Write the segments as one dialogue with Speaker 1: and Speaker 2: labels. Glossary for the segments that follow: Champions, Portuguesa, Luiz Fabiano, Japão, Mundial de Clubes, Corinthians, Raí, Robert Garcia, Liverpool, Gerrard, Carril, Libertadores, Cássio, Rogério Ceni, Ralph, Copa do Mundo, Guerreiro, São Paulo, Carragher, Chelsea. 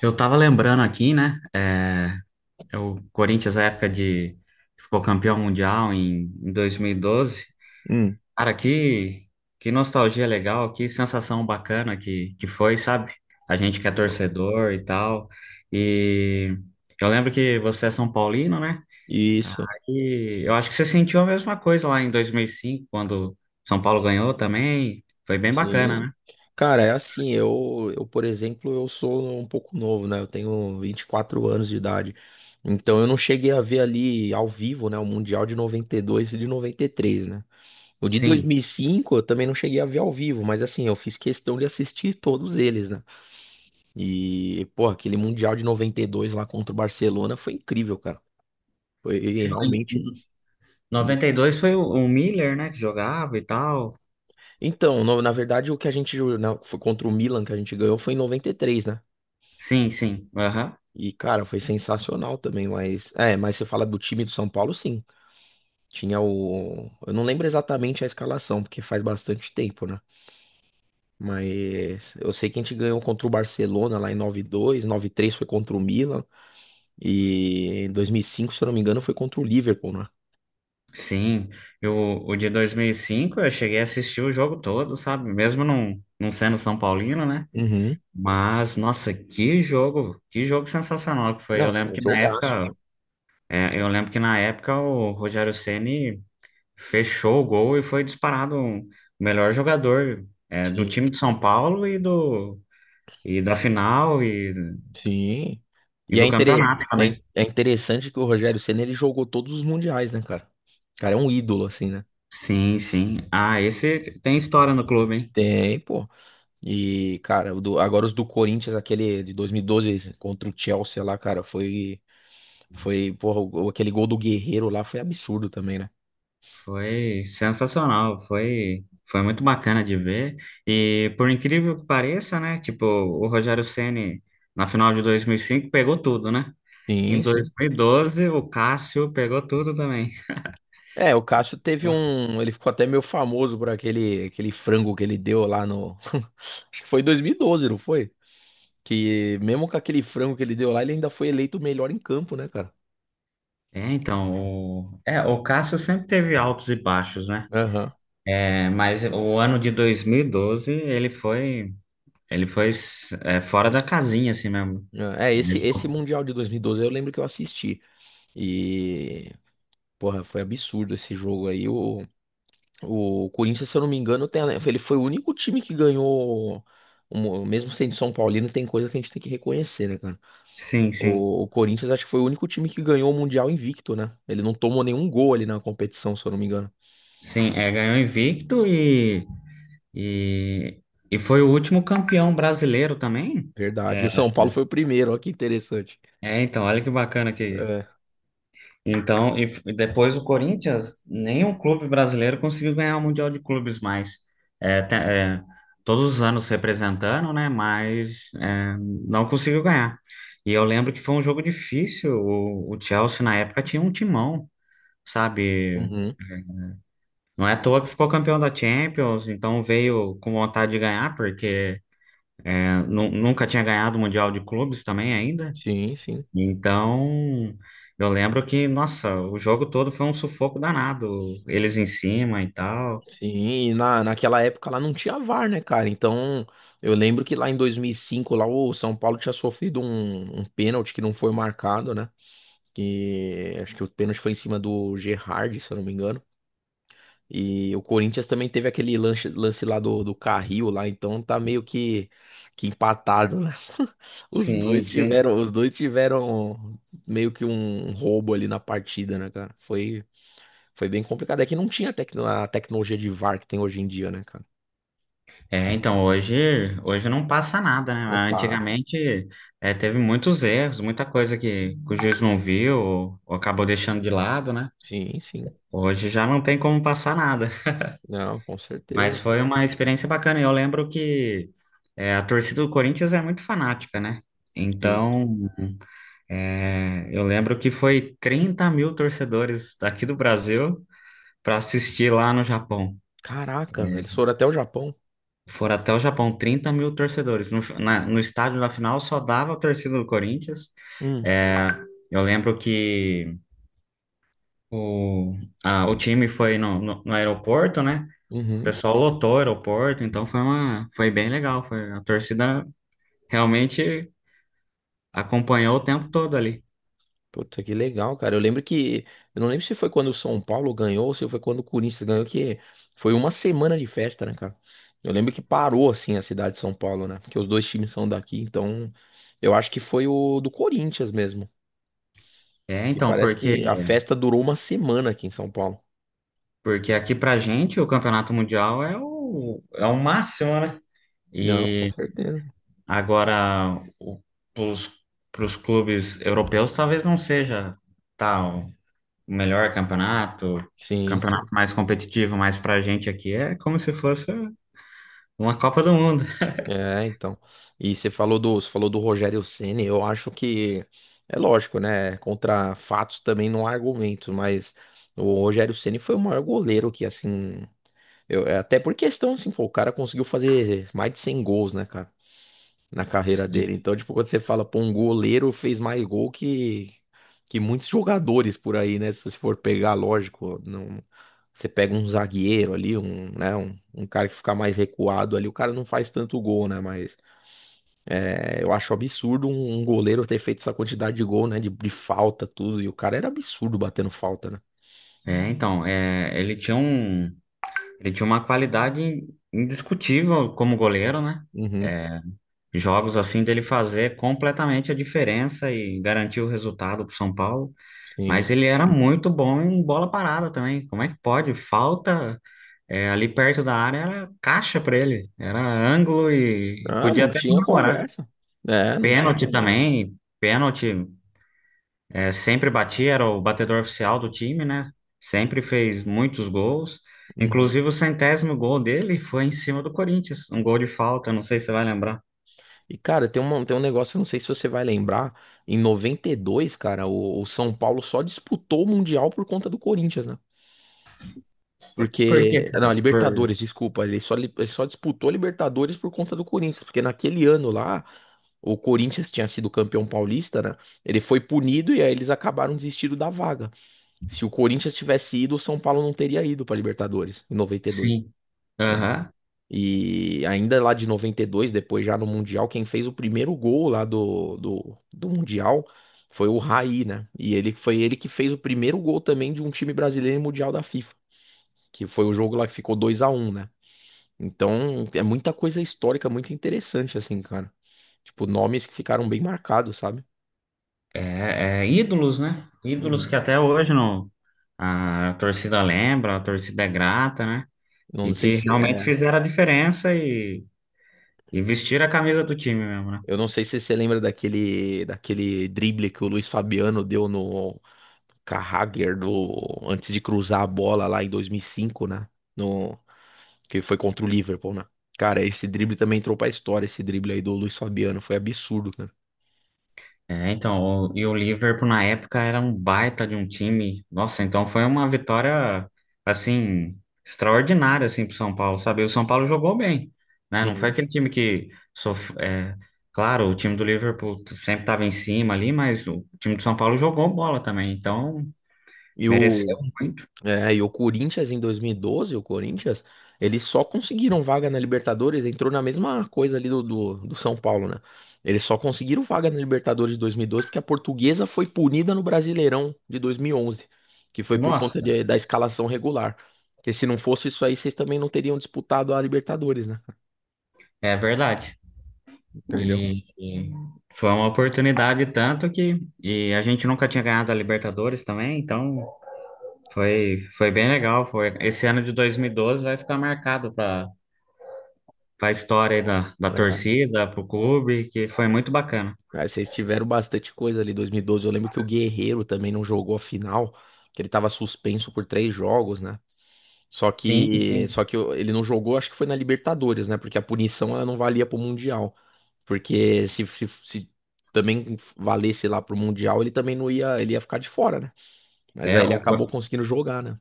Speaker 1: Eu tava lembrando aqui, né? É o Corinthians, a época de que ficou campeão mundial em 2012.
Speaker 2: Hum,
Speaker 1: Cara, que nostalgia legal, que sensação bacana que foi, sabe? A gente que é torcedor e tal. E eu lembro que você é São Paulino, né?
Speaker 2: isso,
Speaker 1: E eu acho que você sentiu a mesma coisa lá em 2005, quando São Paulo ganhou também. Foi bem bacana,
Speaker 2: sim.
Speaker 1: né?
Speaker 2: Cara, é assim, eu, por exemplo, eu sou um pouco novo, né? Eu tenho 24 anos de idade. Então eu não cheguei a ver ali ao vivo, né, o Mundial de noventa e dois e de noventa e três, né? O de dois mil
Speaker 1: Sim.
Speaker 2: e cinco eu também não cheguei a ver ao vivo, mas assim, eu fiz questão de assistir todos eles, né? E, pô, aquele Mundial de 92 lá contra o Barcelona foi incrível, cara. Foi realmente.
Speaker 1: Em 92 foi o Miller, né, que jogava e tal.
Speaker 2: Então, na verdade, o que foi contra o Milan que a gente ganhou foi em noventa e três, né?
Speaker 1: Sim, sim. Aham.
Speaker 2: E, cara, foi sensacional também, mas. É, mas você fala do time do São Paulo, sim. Tinha o. Eu não lembro exatamente a escalação, porque faz bastante tempo, né? Mas eu sei que a gente ganhou contra o Barcelona lá em 9-2, 9 três foi contra o Milan. E em 2005, se eu não me engano, foi contra o Liverpool, né?
Speaker 1: Sim. Eu, o de 2005 eu cheguei a assistir o jogo todo, sabe? Mesmo não sendo São Paulino, né?
Speaker 2: Uhum.
Speaker 1: Mas, nossa, que jogo sensacional que foi.
Speaker 2: Não, foi um jogaço, pô.
Speaker 1: Eu lembro que na época o Rogério Ceni fechou o gol e foi disparado o melhor jogador, do time
Speaker 2: Sim.
Speaker 1: de São Paulo e da final e,
Speaker 2: Sim.
Speaker 1: e
Speaker 2: E
Speaker 1: do campeonato também.
Speaker 2: é interessante que o Rogério Ceni ele jogou todos os mundiais, né, cara? O cara é um ídolo, assim, né?
Speaker 1: Sim, sim. Ah, esse tem história no clube, hein?
Speaker 2: Tem, pô. E, cara, agora os do Corinthians, aquele de 2012 contra o Chelsea lá, cara, foi. Foi, porra, aquele gol do Guerreiro lá foi absurdo também, né?
Speaker 1: Foi sensacional, foi muito bacana de ver. E por incrível que pareça, né? Tipo, o Rogério Ceni na final de 2005 pegou tudo, né? Em
Speaker 2: Sim, sim.
Speaker 1: 2012, o Cássio pegou tudo também.
Speaker 2: É, o Cássio teve um. Ele ficou até meio famoso por aquele frango que ele deu lá no. Acho que foi em 2012, não foi? Que mesmo com aquele frango que ele deu lá, ele ainda foi eleito o melhor em campo, né, cara?
Speaker 1: O Cássio sempre teve altos e baixos, né?
Speaker 2: Aham.
Speaker 1: É, mas o ano de 2012, ele foi fora da casinha, assim mesmo.
Speaker 2: É,
Speaker 1: É,
Speaker 2: esse
Speaker 1: tipo,
Speaker 2: Mundial de 2012 eu lembro que eu assisti. E, porra, foi absurdo esse jogo aí. O Corinthians, se eu não me engano, ele foi o único time que ganhou. Mesmo sendo São Paulino, tem coisa que a gente tem que reconhecer, né, cara?
Speaker 1: sim, sim.
Speaker 2: O Corinthians, acho que foi o único time que ganhou o Mundial invicto, né? Ele não tomou nenhum gol ali na competição, se eu não me engano.
Speaker 1: Sim, ganhou invicto E, e foi o último campeão brasileiro também?
Speaker 2: Verdade. E
Speaker 1: É,
Speaker 2: o São Paulo foi o primeiro, olha que interessante.
Speaker 1: é, então, olha que bacana que.
Speaker 2: É.
Speaker 1: Então, e depois o Corinthians, nenhum clube brasileiro conseguiu ganhar o Mundial de Clubes mais. É, te- é, todos os anos representando, né? Mas não conseguiu ganhar. E eu lembro que foi um jogo difícil. O Chelsea, na época, tinha um timão, sabe?
Speaker 2: Uhum.
Speaker 1: Não é à toa que ficou campeão da Champions, então veio com vontade de ganhar, porque. Nunca tinha ganhado o Mundial de Clubes também ainda.
Speaker 2: Sim, sim.
Speaker 1: Então, eu lembro que, nossa, o jogo todo foi um sufoco danado. Eles em cima e tal.
Speaker 2: Sim, e naquela época lá não tinha VAR, né, cara? Então, eu lembro que lá em 2005, lá o São Paulo tinha sofrido um pênalti que não foi marcado, né? Que acho que o pênalti foi em cima do Gerrard, se eu não me engano. E o Corinthians também teve aquele lance lá do Carril lá, então tá meio que empatado, né? Os
Speaker 1: Sim,
Speaker 2: dois
Speaker 1: sim.
Speaker 2: tiveram, os dois tiveram meio que um roubo ali na partida, né, cara? Foi bem complicado. É que não tinha a tecnologia de VAR que tem hoje em dia, né, cara?
Speaker 1: É, então hoje não passa nada, né?
Speaker 2: Não passa.
Speaker 1: Antigamente teve muitos erros, muita coisa que o juiz não viu ou acabou deixando de lado, né?
Speaker 2: Sim, sim.
Speaker 1: Hoje já não tem como passar nada.
Speaker 2: Não, com certeza,
Speaker 1: Mas
Speaker 2: cara.
Speaker 1: foi uma experiência bacana. E eu lembro que a torcida do Corinthians é muito fanática, né?
Speaker 2: Sim.
Speaker 1: Então. É, eu lembro que foi 30 mil torcedores daqui do Brasil para assistir lá no Japão.
Speaker 2: Caraca, eles
Speaker 1: É,
Speaker 2: foram até o Japão.
Speaker 1: foram até o Japão, 30 mil torcedores. No estádio da final só dava a torcida do Corinthians.
Speaker 2: Hum,
Speaker 1: É, eu lembro que o, o time foi no aeroporto, né? O
Speaker 2: uhum.
Speaker 1: pessoal lotou o aeroporto, então foi foi bem legal. Foi, a torcida realmente acompanhou o tempo todo ali.
Speaker 2: Puta, que legal, cara. Eu lembro que. Eu não lembro se foi quando o São Paulo ganhou ou se foi quando o Corinthians ganhou, que foi uma semana de festa, né, cara? Eu lembro que parou, assim, a cidade de São Paulo, né? Porque os dois times são daqui, então. Eu acho que foi o do Corinthians mesmo.
Speaker 1: É,
Speaker 2: Que
Speaker 1: então,
Speaker 2: parece
Speaker 1: porque
Speaker 2: que a festa durou uma semana aqui em São Paulo.
Speaker 1: Porque aqui pra gente o campeonato mundial é é o máximo, né?
Speaker 2: Não, com
Speaker 1: E
Speaker 2: certeza.
Speaker 1: agora pros, pros clubes europeus talvez não seja tal o melhor campeonato, o
Speaker 2: Sim,
Speaker 1: campeonato
Speaker 2: sim.
Speaker 1: mais competitivo, mas pra gente aqui é como se fosse uma Copa do Mundo.
Speaker 2: É, então. E você falou do Rogério Ceni, eu acho que é lógico, né? Contra fatos também não há argumento, mas o Rogério Ceni foi o maior goleiro que, assim, eu, até por questão assim, pô, o cara conseguiu fazer mais de 100 gols, né, cara, na carreira dele.
Speaker 1: Sim.
Speaker 2: Então, tipo, quando você fala, pô, um goleiro fez mais gol que muitos jogadores por aí, né? Se você for pegar, lógico, não. Você pega um zagueiro ali, um, né, um cara que fica mais recuado ali, o cara não faz tanto gol, né? Mas é, eu acho absurdo um goleiro ter feito essa quantidade de gol, né? De falta, tudo. E o cara era absurdo batendo falta, né?
Speaker 1: É, então, é, ele tinha um, ele tinha uma qualidade indiscutível como goleiro, né?
Speaker 2: Uhum,
Speaker 1: É, jogos assim dele fazer completamente a diferença e garantir o resultado para o São Paulo,
Speaker 2: sim.
Speaker 1: mas ele era muito bom em bola parada também. Como é que pode? Falta ali perto da área era caixa para ele, era ângulo e
Speaker 2: Ah,
Speaker 1: podia
Speaker 2: não
Speaker 1: até
Speaker 2: tinha
Speaker 1: comemorar.
Speaker 2: conversa. É, não tinha
Speaker 1: Pênalti
Speaker 2: conversa.
Speaker 1: também, pênalti sempre batia, era o batedor oficial do time, né? Sempre fez muitos gols.
Speaker 2: Uhum.
Speaker 1: Inclusive o 100º gol dele foi em cima do Corinthians, um gol de falta, não sei se você vai lembrar.
Speaker 2: E, cara, tem um negócio, eu não sei se você vai lembrar. Em 92, cara, o São Paulo só disputou o Mundial por conta do Corinthians, né?
Speaker 1: Por que,
Speaker 2: Porque. Não, a
Speaker 1: cara?
Speaker 2: Libertadores, desculpa. Ele só disputou a Libertadores por conta do Corinthians. Porque naquele ano lá, o Corinthians tinha sido campeão paulista, né? Ele foi punido e aí eles acabaram desistindo da vaga. Se o Corinthians tivesse ido, o São Paulo não teria ido pra Libertadores em 92,
Speaker 1: Sim.
Speaker 2: né?
Speaker 1: Aham.
Speaker 2: E ainda lá de 92, depois já no Mundial, quem fez o primeiro gol lá do Mundial foi o Raí, né? E ele foi ele que fez o primeiro gol também de um time brasileiro em Mundial da FIFA, que foi o jogo lá que ficou 2-1, né? Então, é muita coisa histórica, muito interessante, assim, cara. Tipo, nomes que ficaram bem marcados, sabe?
Speaker 1: Ídolos, né? Ídolos que
Speaker 2: Uhum.
Speaker 1: até hoje não, a torcida lembra, a torcida é grata, né? E
Speaker 2: Não sei
Speaker 1: que
Speaker 2: se,
Speaker 1: realmente
Speaker 2: é,
Speaker 1: fizeram a diferença e vestiram a camisa do time mesmo, né?
Speaker 2: eu não sei se você lembra daquele drible que o Luiz Fabiano deu no Carragher antes de cruzar a bola lá em 2005, né? No, que foi contra o Liverpool, né? Cara, esse drible também entrou pra história, esse drible aí do Luiz Fabiano, foi absurdo, cara.
Speaker 1: E o Liverpool na época era um baita de um time. Nossa, então foi uma vitória assim extraordinária assim pro São Paulo, sabe? O São Paulo jogou bem, né? Não foi
Speaker 2: Sim.
Speaker 1: aquele time que sof... é, claro, o time do Liverpool sempre estava em cima ali, mas o time do São Paulo jogou bola também, então
Speaker 2: E o,
Speaker 1: mereceu muito.
Speaker 2: e o Corinthians em 2012, eles só conseguiram vaga na Libertadores, entrou na mesma coisa ali do São Paulo, né? Eles só conseguiram vaga na Libertadores de 2012 porque a Portuguesa foi punida no Brasileirão de 2011, que foi por conta
Speaker 1: Nossa,
Speaker 2: da escalação regular. Porque se não fosse isso aí, vocês também não teriam disputado a Libertadores, né?
Speaker 1: é verdade.
Speaker 2: Entendeu?
Speaker 1: E foi uma oportunidade tanto que e a gente nunca tinha ganhado a Libertadores também, então foi bem legal, foi. Esse ano de 2012 vai ficar marcado para a história aí da
Speaker 2: É,
Speaker 1: torcida, para o clube, que foi muito bacana.
Speaker 2: aí vocês tiveram bastante coisa ali em 2012. Eu lembro que o Guerreiro também não jogou a final, que ele tava suspenso por três jogos, né? Só
Speaker 1: Sim,
Speaker 2: que,
Speaker 1: sim.
Speaker 2: só que ele não jogou, acho que foi na Libertadores, né? Porque a punição ela não valia pro Mundial. Porque se também valesse lá pro Mundial, ele também não ia, ele ia ficar de fora, né? Mas
Speaker 1: É,
Speaker 2: aí ele acabou
Speaker 1: o-
Speaker 2: conseguindo jogar, né?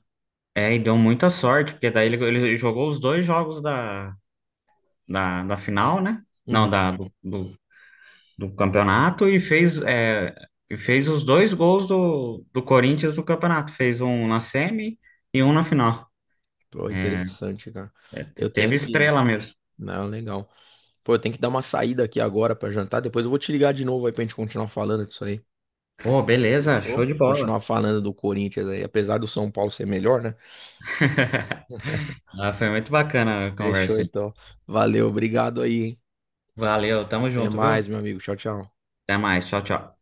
Speaker 1: É, e deu muita sorte, porque daí ele jogou os dois jogos da final, né?
Speaker 2: Uhum.
Speaker 1: Não, do campeonato e fez os dois gols do Corinthians no campeonato. Fez um na semi e um na final.
Speaker 2: Pô, interessante, cara. Eu
Speaker 1: Teve
Speaker 2: tenho que.
Speaker 1: estrela mesmo.
Speaker 2: Não, legal. Pô, eu tenho que dar uma saída aqui agora pra jantar. Depois eu vou te ligar de novo aí pra gente continuar falando disso aí.
Speaker 1: Pô, beleza, show
Speaker 2: Fechou?
Speaker 1: de bola.
Speaker 2: Continuar falando do Corinthians aí, apesar do São Paulo ser melhor, né?
Speaker 1: Ah, foi muito bacana a
Speaker 2: Fechou,
Speaker 1: conversa.
Speaker 2: então. Valeu, obrigado aí, hein?
Speaker 1: Valeu, tamo
Speaker 2: Até
Speaker 1: junto, viu?
Speaker 2: mais, meu amigo. Tchau, tchau.
Speaker 1: Até mais, tchau, tchau.